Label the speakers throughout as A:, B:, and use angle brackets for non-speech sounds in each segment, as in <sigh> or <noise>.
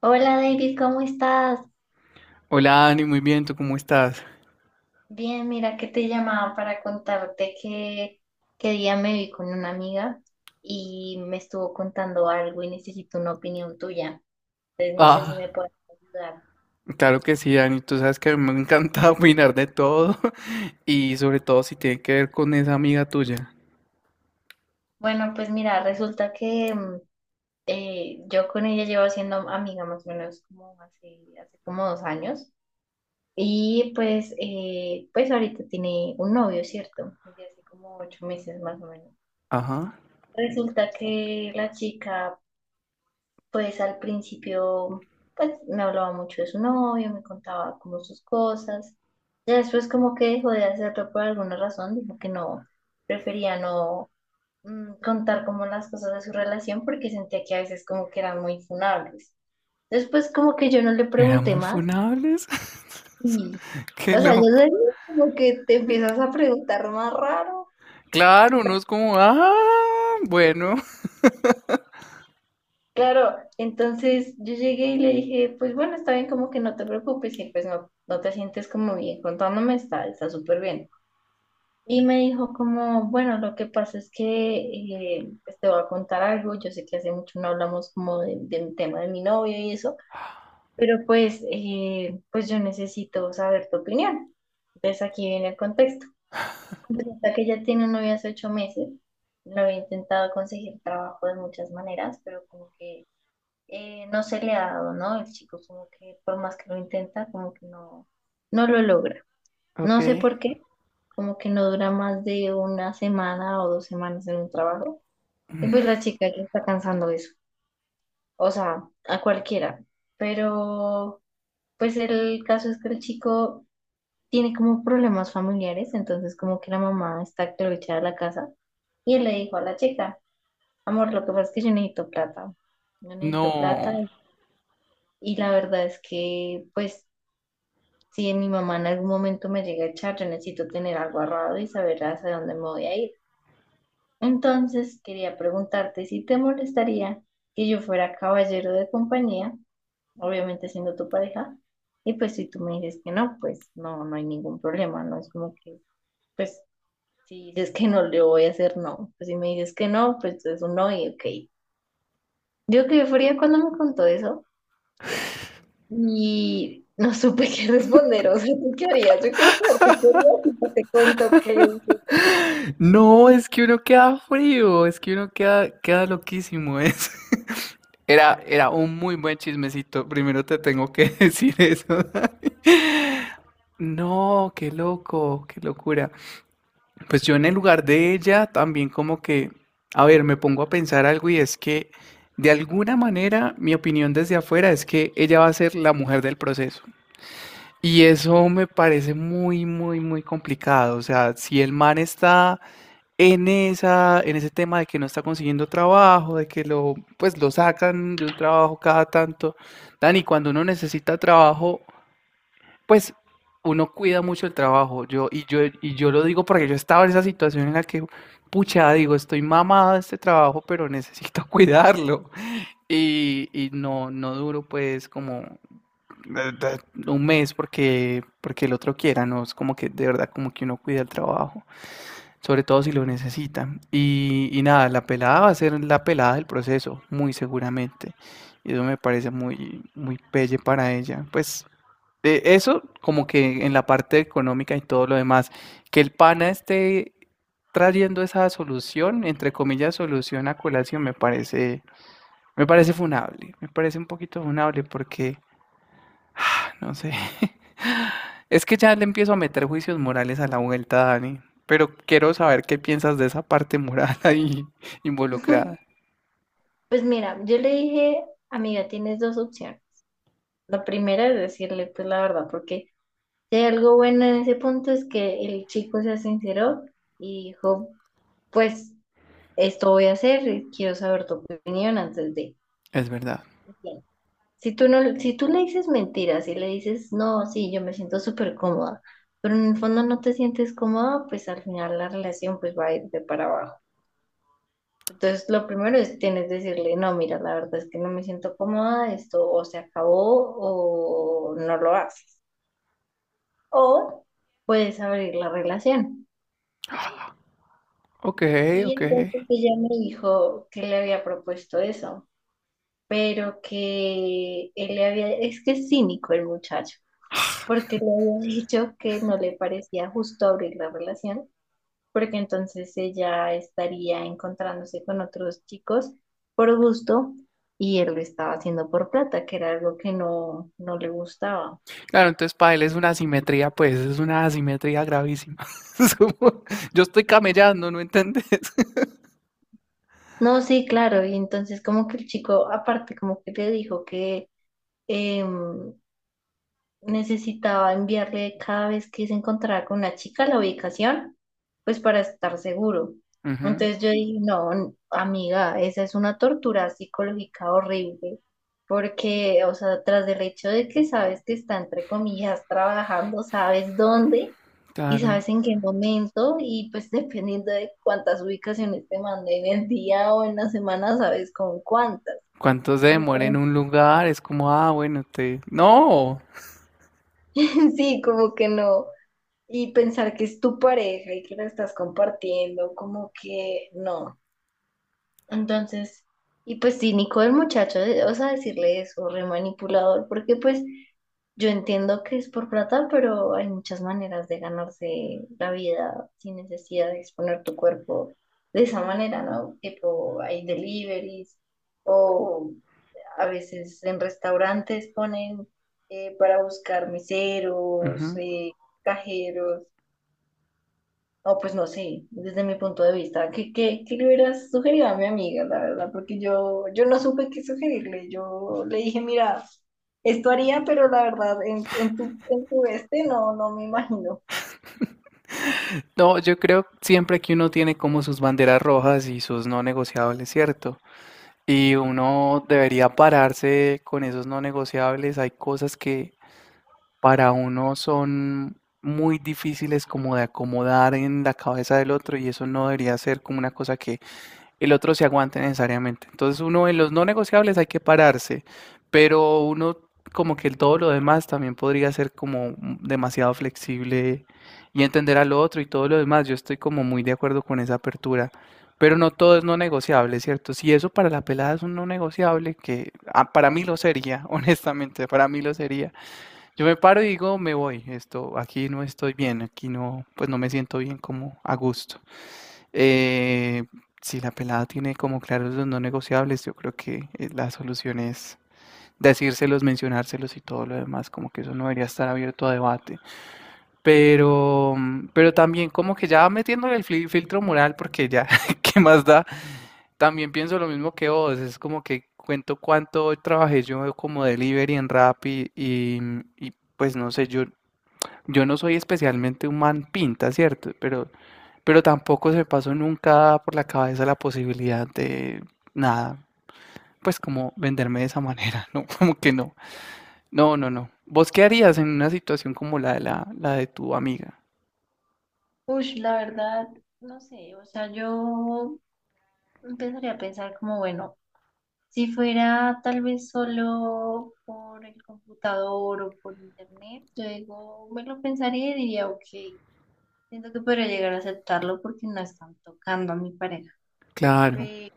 A: Hola David, ¿cómo estás?
B: Hola Dani, muy bien, ¿tú cómo estás?
A: Bien, mira que te llamaba para contarte que día me vi con una amiga y me estuvo contando algo y necesito una opinión tuya. Entonces no sé si
B: Ah,
A: me puedes ayudar.
B: claro que sí, Dani, tú sabes que a mí me encanta <laughs> opinar de todo <laughs> y sobre todo si tiene que ver con esa amiga tuya.
A: Bueno, pues mira, resulta que yo con ella llevo siendo amiga más o menos como hace como 2 años y pues, pues ahorita tiene un novio, ¿cierto? Desde hace como 8 meses más o menos.
B: Ajá,
A: Resulta que la chica, pues al principio, pues me hablaba mucho de su novio, me contaba como sus cosas. Ya después como que dejó de hacerlo por alguna razón, dijo que no, prefería no contar como las cosas de su relación porque sentía que a veces como que eran muy funables. Después como que yo no le
B: eran
A: pregunté
B: muy
A: más
B: funables.
A: y,
B: <laughs> Qué
A: o sea, yo
B: loco.
A: sé como que te empiezas a preguntar más raro.
B: Claro, no es como, ah, bueno,
A: Claro, entonces yo llegué y le dije, pues bueno, está bien, como que no te preocupes y pues no, no te sientes como bien, contándome está súper bien. Y me dijo como, bueno, lo que pasa es que pues te voy a contar algo, yo sé que hace mucho no hablamos como del tema de mi novio y eso, pero pues, pues yo necesito saber tu opinión. Entonces aquí viene el contexto. Hasta que ella tiene un novio hace 8 meses, lo he intentado conseguir trabajo de muchas maneras, pero como que no se le ha dado, ¿no? El chico como que por más que lo intenta, como que no, no lo logra.
B: <laughs>
A: No sé
B: ok.
A: por qué, como que no dura más de una semana o dos semanas en un trabajo. Y pues la chica ya está cansando eso, o sea, a cualquiera. Pero pues el caso es que el chico tiene como problemas familiares, entonces como que la mamá está que lo echa de la casa. Y él le dijo a la chica, amor, lo que pasa es que yo necesito plata. Yo necesito plata
B: No,
A: y la verdad es que pues si mi mamá en algún momento me llega a echar, yo necesito tener algo ahorrado y saber hacia dónde me voy a ir. Entonces, quería preguntarte si te molestaría que yo fuera caballero de compañía, obviamente siendo tu pareja, y pues si tú me dices que no, pues no, no hay ningún problema, no es como que, pues si dices que no, le voy a hacer no, pues si me dices que no, pues es un no y ok. Yo qué fría cuando me contó eso. Y no supe qué responder, o sea, ¿tú qué harías? Yo quiero saber, ¿tú qué harías? Y pues te cuento qué le dije.
B: no, es que uno queda frío, es que uno queda, queda loquísimo, <laughs> es. Era un muy buen chismecito. Primero te tengo que <laughs> decir eso. <laughs> No, qué loco, qué locura. Pues yo en el lugar de ella también como que, a ver, me pongo a pensar algo y es que de alguna manera mi opinión desde afuera es que ella va a ser la mujer del proceso. Y eso me parece muy, muy, muy complicado. O sea, si el man está en esa, en ese tema de que no está consiguiendo trabajo, de que lo, pues lo sacan de un trabajo cada tanto. Dani, cuando uno necesita trabajo, pues uno cuida mucho el trabajo. Yo, y yo lo digo porque yo estaba en esa situación en la que, pucha, digo, estoy mamado de este trabajo, pero <laughs> necesito cuidarlo. Y no, no duro pues como un mes porque, porque el otro quiera, no es como que de verdad como que uno cuida el trabajo sobre todo si lo necesitan. Y nada, la pelada va a ser la pelada del proceso, muy seguramente. Y eso me parece muy, muy pelle para ella. Pues eso como que en la parte económica y todo lo demás, que el pana esté trayendo esa solución, entre comillas, solución a colación, me parece funable, me parece un poquito funable porque <sighs> no sé. <laughs> Es que ya le empiezo a meter juicios morales a la vuelta, Dani. Pero quiero saber qué piensas de esa parte moral <laughs> ahí involucrada.
A: <laughs> Pues mira, yo le dije, amiga, tienes dos opciones. La primera es decirle, pues la verdad, porque si hay algo bueno en ese punto es que el chico se sinceró y dijo, pues esto voy a hacer, y quiero saber tu opinión antes de...
B: Es verdad.
A: Si tú no, si tú le dices mentiras y le dices, no, sí, yo me siento súper cómoda, pero en el fondo no te sientes cómoda, pues al final la relación pues va a ir de para abajo. Entonces, lo primero es tienes que decirle, no, mira, la verdad es que no me siento cómoda, esto o se acabó o no lo haces. O puedes abrir la relación.
B: Ok,
A: Y
B: ok.
A: entonces ella me dijo que le había propuesto eso, pero que él le había, es que es cínico el muchacho porque le había dicho que no le parecía justo abrir la relación, porque entonces ella estaría encontrándose con otros chicos por gusto y él lo estaba haciendo por plata, que era algo que no, no le gustaba.
B: Claro, entonces para él es una asimetría, pues es una asimetría gravísima. <laughs> Es como, yo estoy camellando, ¿no entendés?
A: No, sí, claro, y entonces como que el chico aparte como que le dijo que... em, necesitaba enviarle cada vez que se encontraba con una chica la ubicación, pues para estar seguro.
B: <laughs> Ujú,
A: Entonces yo dije, no, amiga, esa es una tortura psicológica horrible, porque, o sea, tras el hecho de que sabes que está, entre comillas, trabajando, sabes dónde y
B: claro.
A: sabes en qué momento, y pues dependiendo de cuántas ubicaciones te mande en el día o en la semana, sabes con cuántas.
B: ¿Cuánto se demora en
A: Entonces,
B: un lugar? Es como, ah, bueno, te... No.
A: <laughs> sí, como que no. Y pensar que es tu pareja y que la estás compartiendo, como que no. Entonces, y pues cínico el muchacho, o sea, decirle eso, re manipulador, porque pues yo entiendo que es por plata, pero hay muchas maneras de ganarse la vida sin necesidad de exponer tu cuerpo de esa manera, ¿no? Tipo, hay deliveries o a veces en restaurantes ponen para buscar meseros,
B: Ujú.
A: cajeros o pues no sé, desde mi punto de vista, ¿ qué le hubieras sugerido a mi amiga, la verdad? Porque yo no supe qué sugerirle. Yo le dije, mira, esto haría, pero la verdad, en tu este no, no me imagino.
B: No, yo creo siempre que uno tiene como sus banderas rojas y sus no negociables, ¿cierto? Y uno debería pararse con esos no negociables. Hay cosas que para uno son muy difíciles como de acomodar en la cabeza del otro y eso no debería ser como una cosa que el otro se aguante necesariamente. Entonces uno en los no negociables hay que pararse, pero uno como que el todo lo demás también podría ser como demasiado flexible y entender al otro y todo lo demás. Yo estoy como muy de acuerdo con esa apertura, pero no todo es no negociable, ¿cierto? Si eso para la pelada es un no negociable, que ah, para mí lo sería, <laughs> honestamente, para mí lo sería. Yo me paro y digo, me voy, esto, aquí no estoy bien, aquí no, pues no me siento bien como a gusto. Eh, si la pelada tiene como claros los no negociables, yo creo que la solución es decírselos, mencionárselos y todo lo demás, como que eso no debería estar abierto a debate. Pero, pero también como que ya metiéndole el filtro moral, porque ya, <laughs> ¿qué más da? También pienso lo mismo que vos, es como que cuento cuánto trabajé yo como delivery en Rappi y pues no sé, yo no soy especialmente un man pinta, ¿cierto? Pero tampoco se me pasó nunca por la cabeza la posibilidad de nada, pues como venderme de esa manera, <laughs> no, como que no. No, no, no. ¿Vos qué harías en una situación como la de la de tu amiga?
A: Uy, la verdad, no sé, o sea, yo empezaría a pensar como, bueno, si fuera tal vez solo por el computador o por internet, luego me lo pensaría y diría, ok, siento que podría llegar a aceptarlo porque no están tocando a mi pareja.
B: Claro.
A: Pero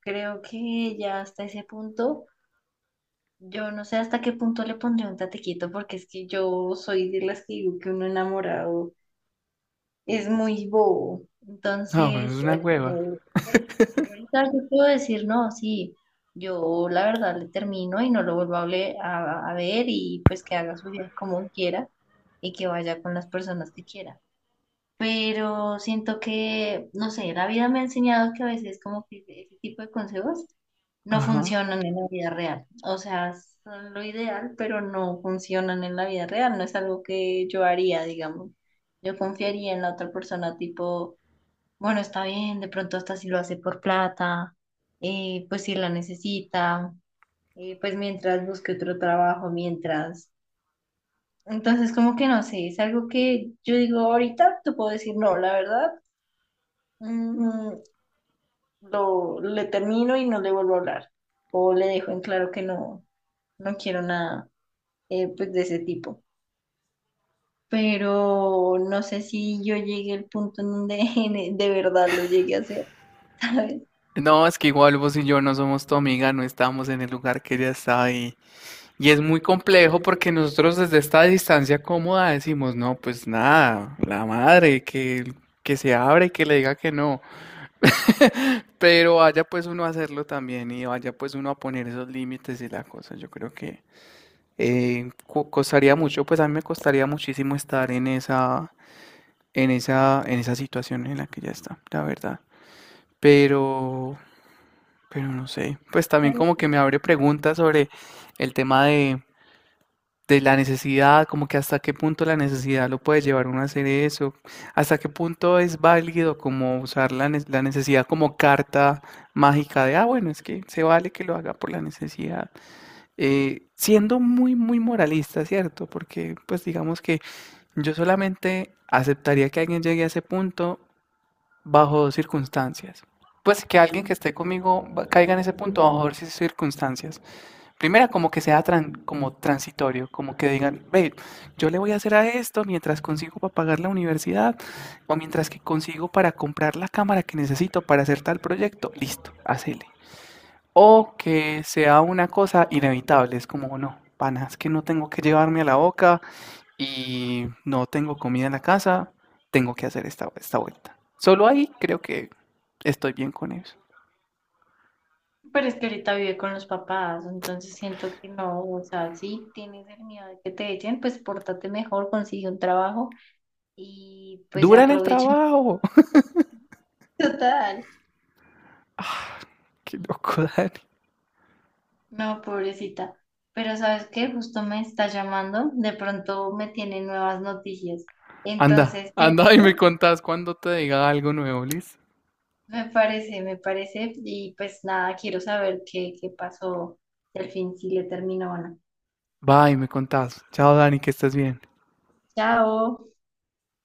A: creo que ya hasta ese punto, yo no sé hasta qué punto le pondré un tatequito, porque es que yo soy de las que digo que uno enamorado es muy bobo.
B: No, bueno, es
A: Entonces,
B: una hueva.
A: yo ahorita yo puedo decir, no, sí, yo la verdad le termino y no lo vuelvo a, a ver y pues que haga su vida como quiera y que vaya con las personas que quiera, pero siento que, no sé, la vida me ha enseñado que a veces como que ese tipo de consejos no
B: Ajá.
A: funcionan en la vida real. O sea, son lo ideal, pero no funcionan en la vida real. No es algo que yo haría, digamos. Yo confiaría en la otra persona, tipo, bueno, está bien, de pronto hasta si lo hace por plata, pues si la necesita, pues mientras busque otro trabajo, mientras... Entonces, como que no sé, es algo que yo digo ahorita, te puedo decir no, la verdad mm, le termino y no le vuelvo a hablar. O le dejo en claro que no, no quiero nada pues de ese tipo. Pero no sé si yo llegué al punto en donde <laughs> de verdad lo llegué a hacer, <laughs> ¿sabes?
B: No, es que igual vos y yo no somos tu amiga, no estábamos en el lugar que ella estaba. Y es muy complejo porque nosotros desde esta distancia cómoda decimos, no, pues nada, la madre, que se abre y que le diga que no. <laughs> Pero vaya pues uno a hacerlo también y vaya pues uno a poner esos límites y la cosa. Yo creo que costaría mucho, pues a mí me costaría muchísimo estar en esa, en esa situación en la que ya está, la verdad. Pero, pero no sé, pues también
A: Claro,
B: como que
A: sí.
B: me abre preguntas sobre el tema de la necesidad, como que hasta qué punto la necesidad lo puede llevar uno a hacer eso, hasta qué punto es válido como usar la, la necesidad como carta mágica de, ah, bueno, es que se vale que lo haga por la necesidad. Siendo muy, muy moralista, ¿cierto? Porque pues digamos que yo solamente aceptaría que alguien llegue a ese punto bajo dos circunstancias. Pues que alguien que esté conmigo caiga en ese punto bajo dos circunstancias. Primera, como que sea como transitorio, como que digan, ve, yo le voy a hacer a esto mientras consigo para pagar la universidad o mientras que consigo para comprar la cámara que necesito para hacer tal proyecto, listo, hacele. O que sea una cosa inevitable, es como, no, pana, es que no tengo que llevarme a la boca y no tengo comida en la casa, tengo que hacer esta vuelta. Solo ahí creo que estoy bien con eso.
A: Pero es que ahorita vive con los papás, entonces siento que no, o sea, sí tienes el miedo de que te echen, pues pórtate mejor, consigue un trabajo y pues
B: Dura en el
A: aprovecha.
B: trabajo. <laughs>
A: <laughs> Total.
B: Qué loco, Dani.
A: No, pobrecita. Pero ¿sabes qué? Justo me está llamando. De pronto me tiene nuevas noticias.
B: Anda,
A: Entonces te
B: anda y me
A: digo,
B: contás cuando te diga algo nuevo, Liz.
A: me parece, me parece. Y pues nada, quiero saber qué pasó, si al fin si le terminó o no.
B: Va y me contás. Chao, Dani, que estés bien.
A: Chao.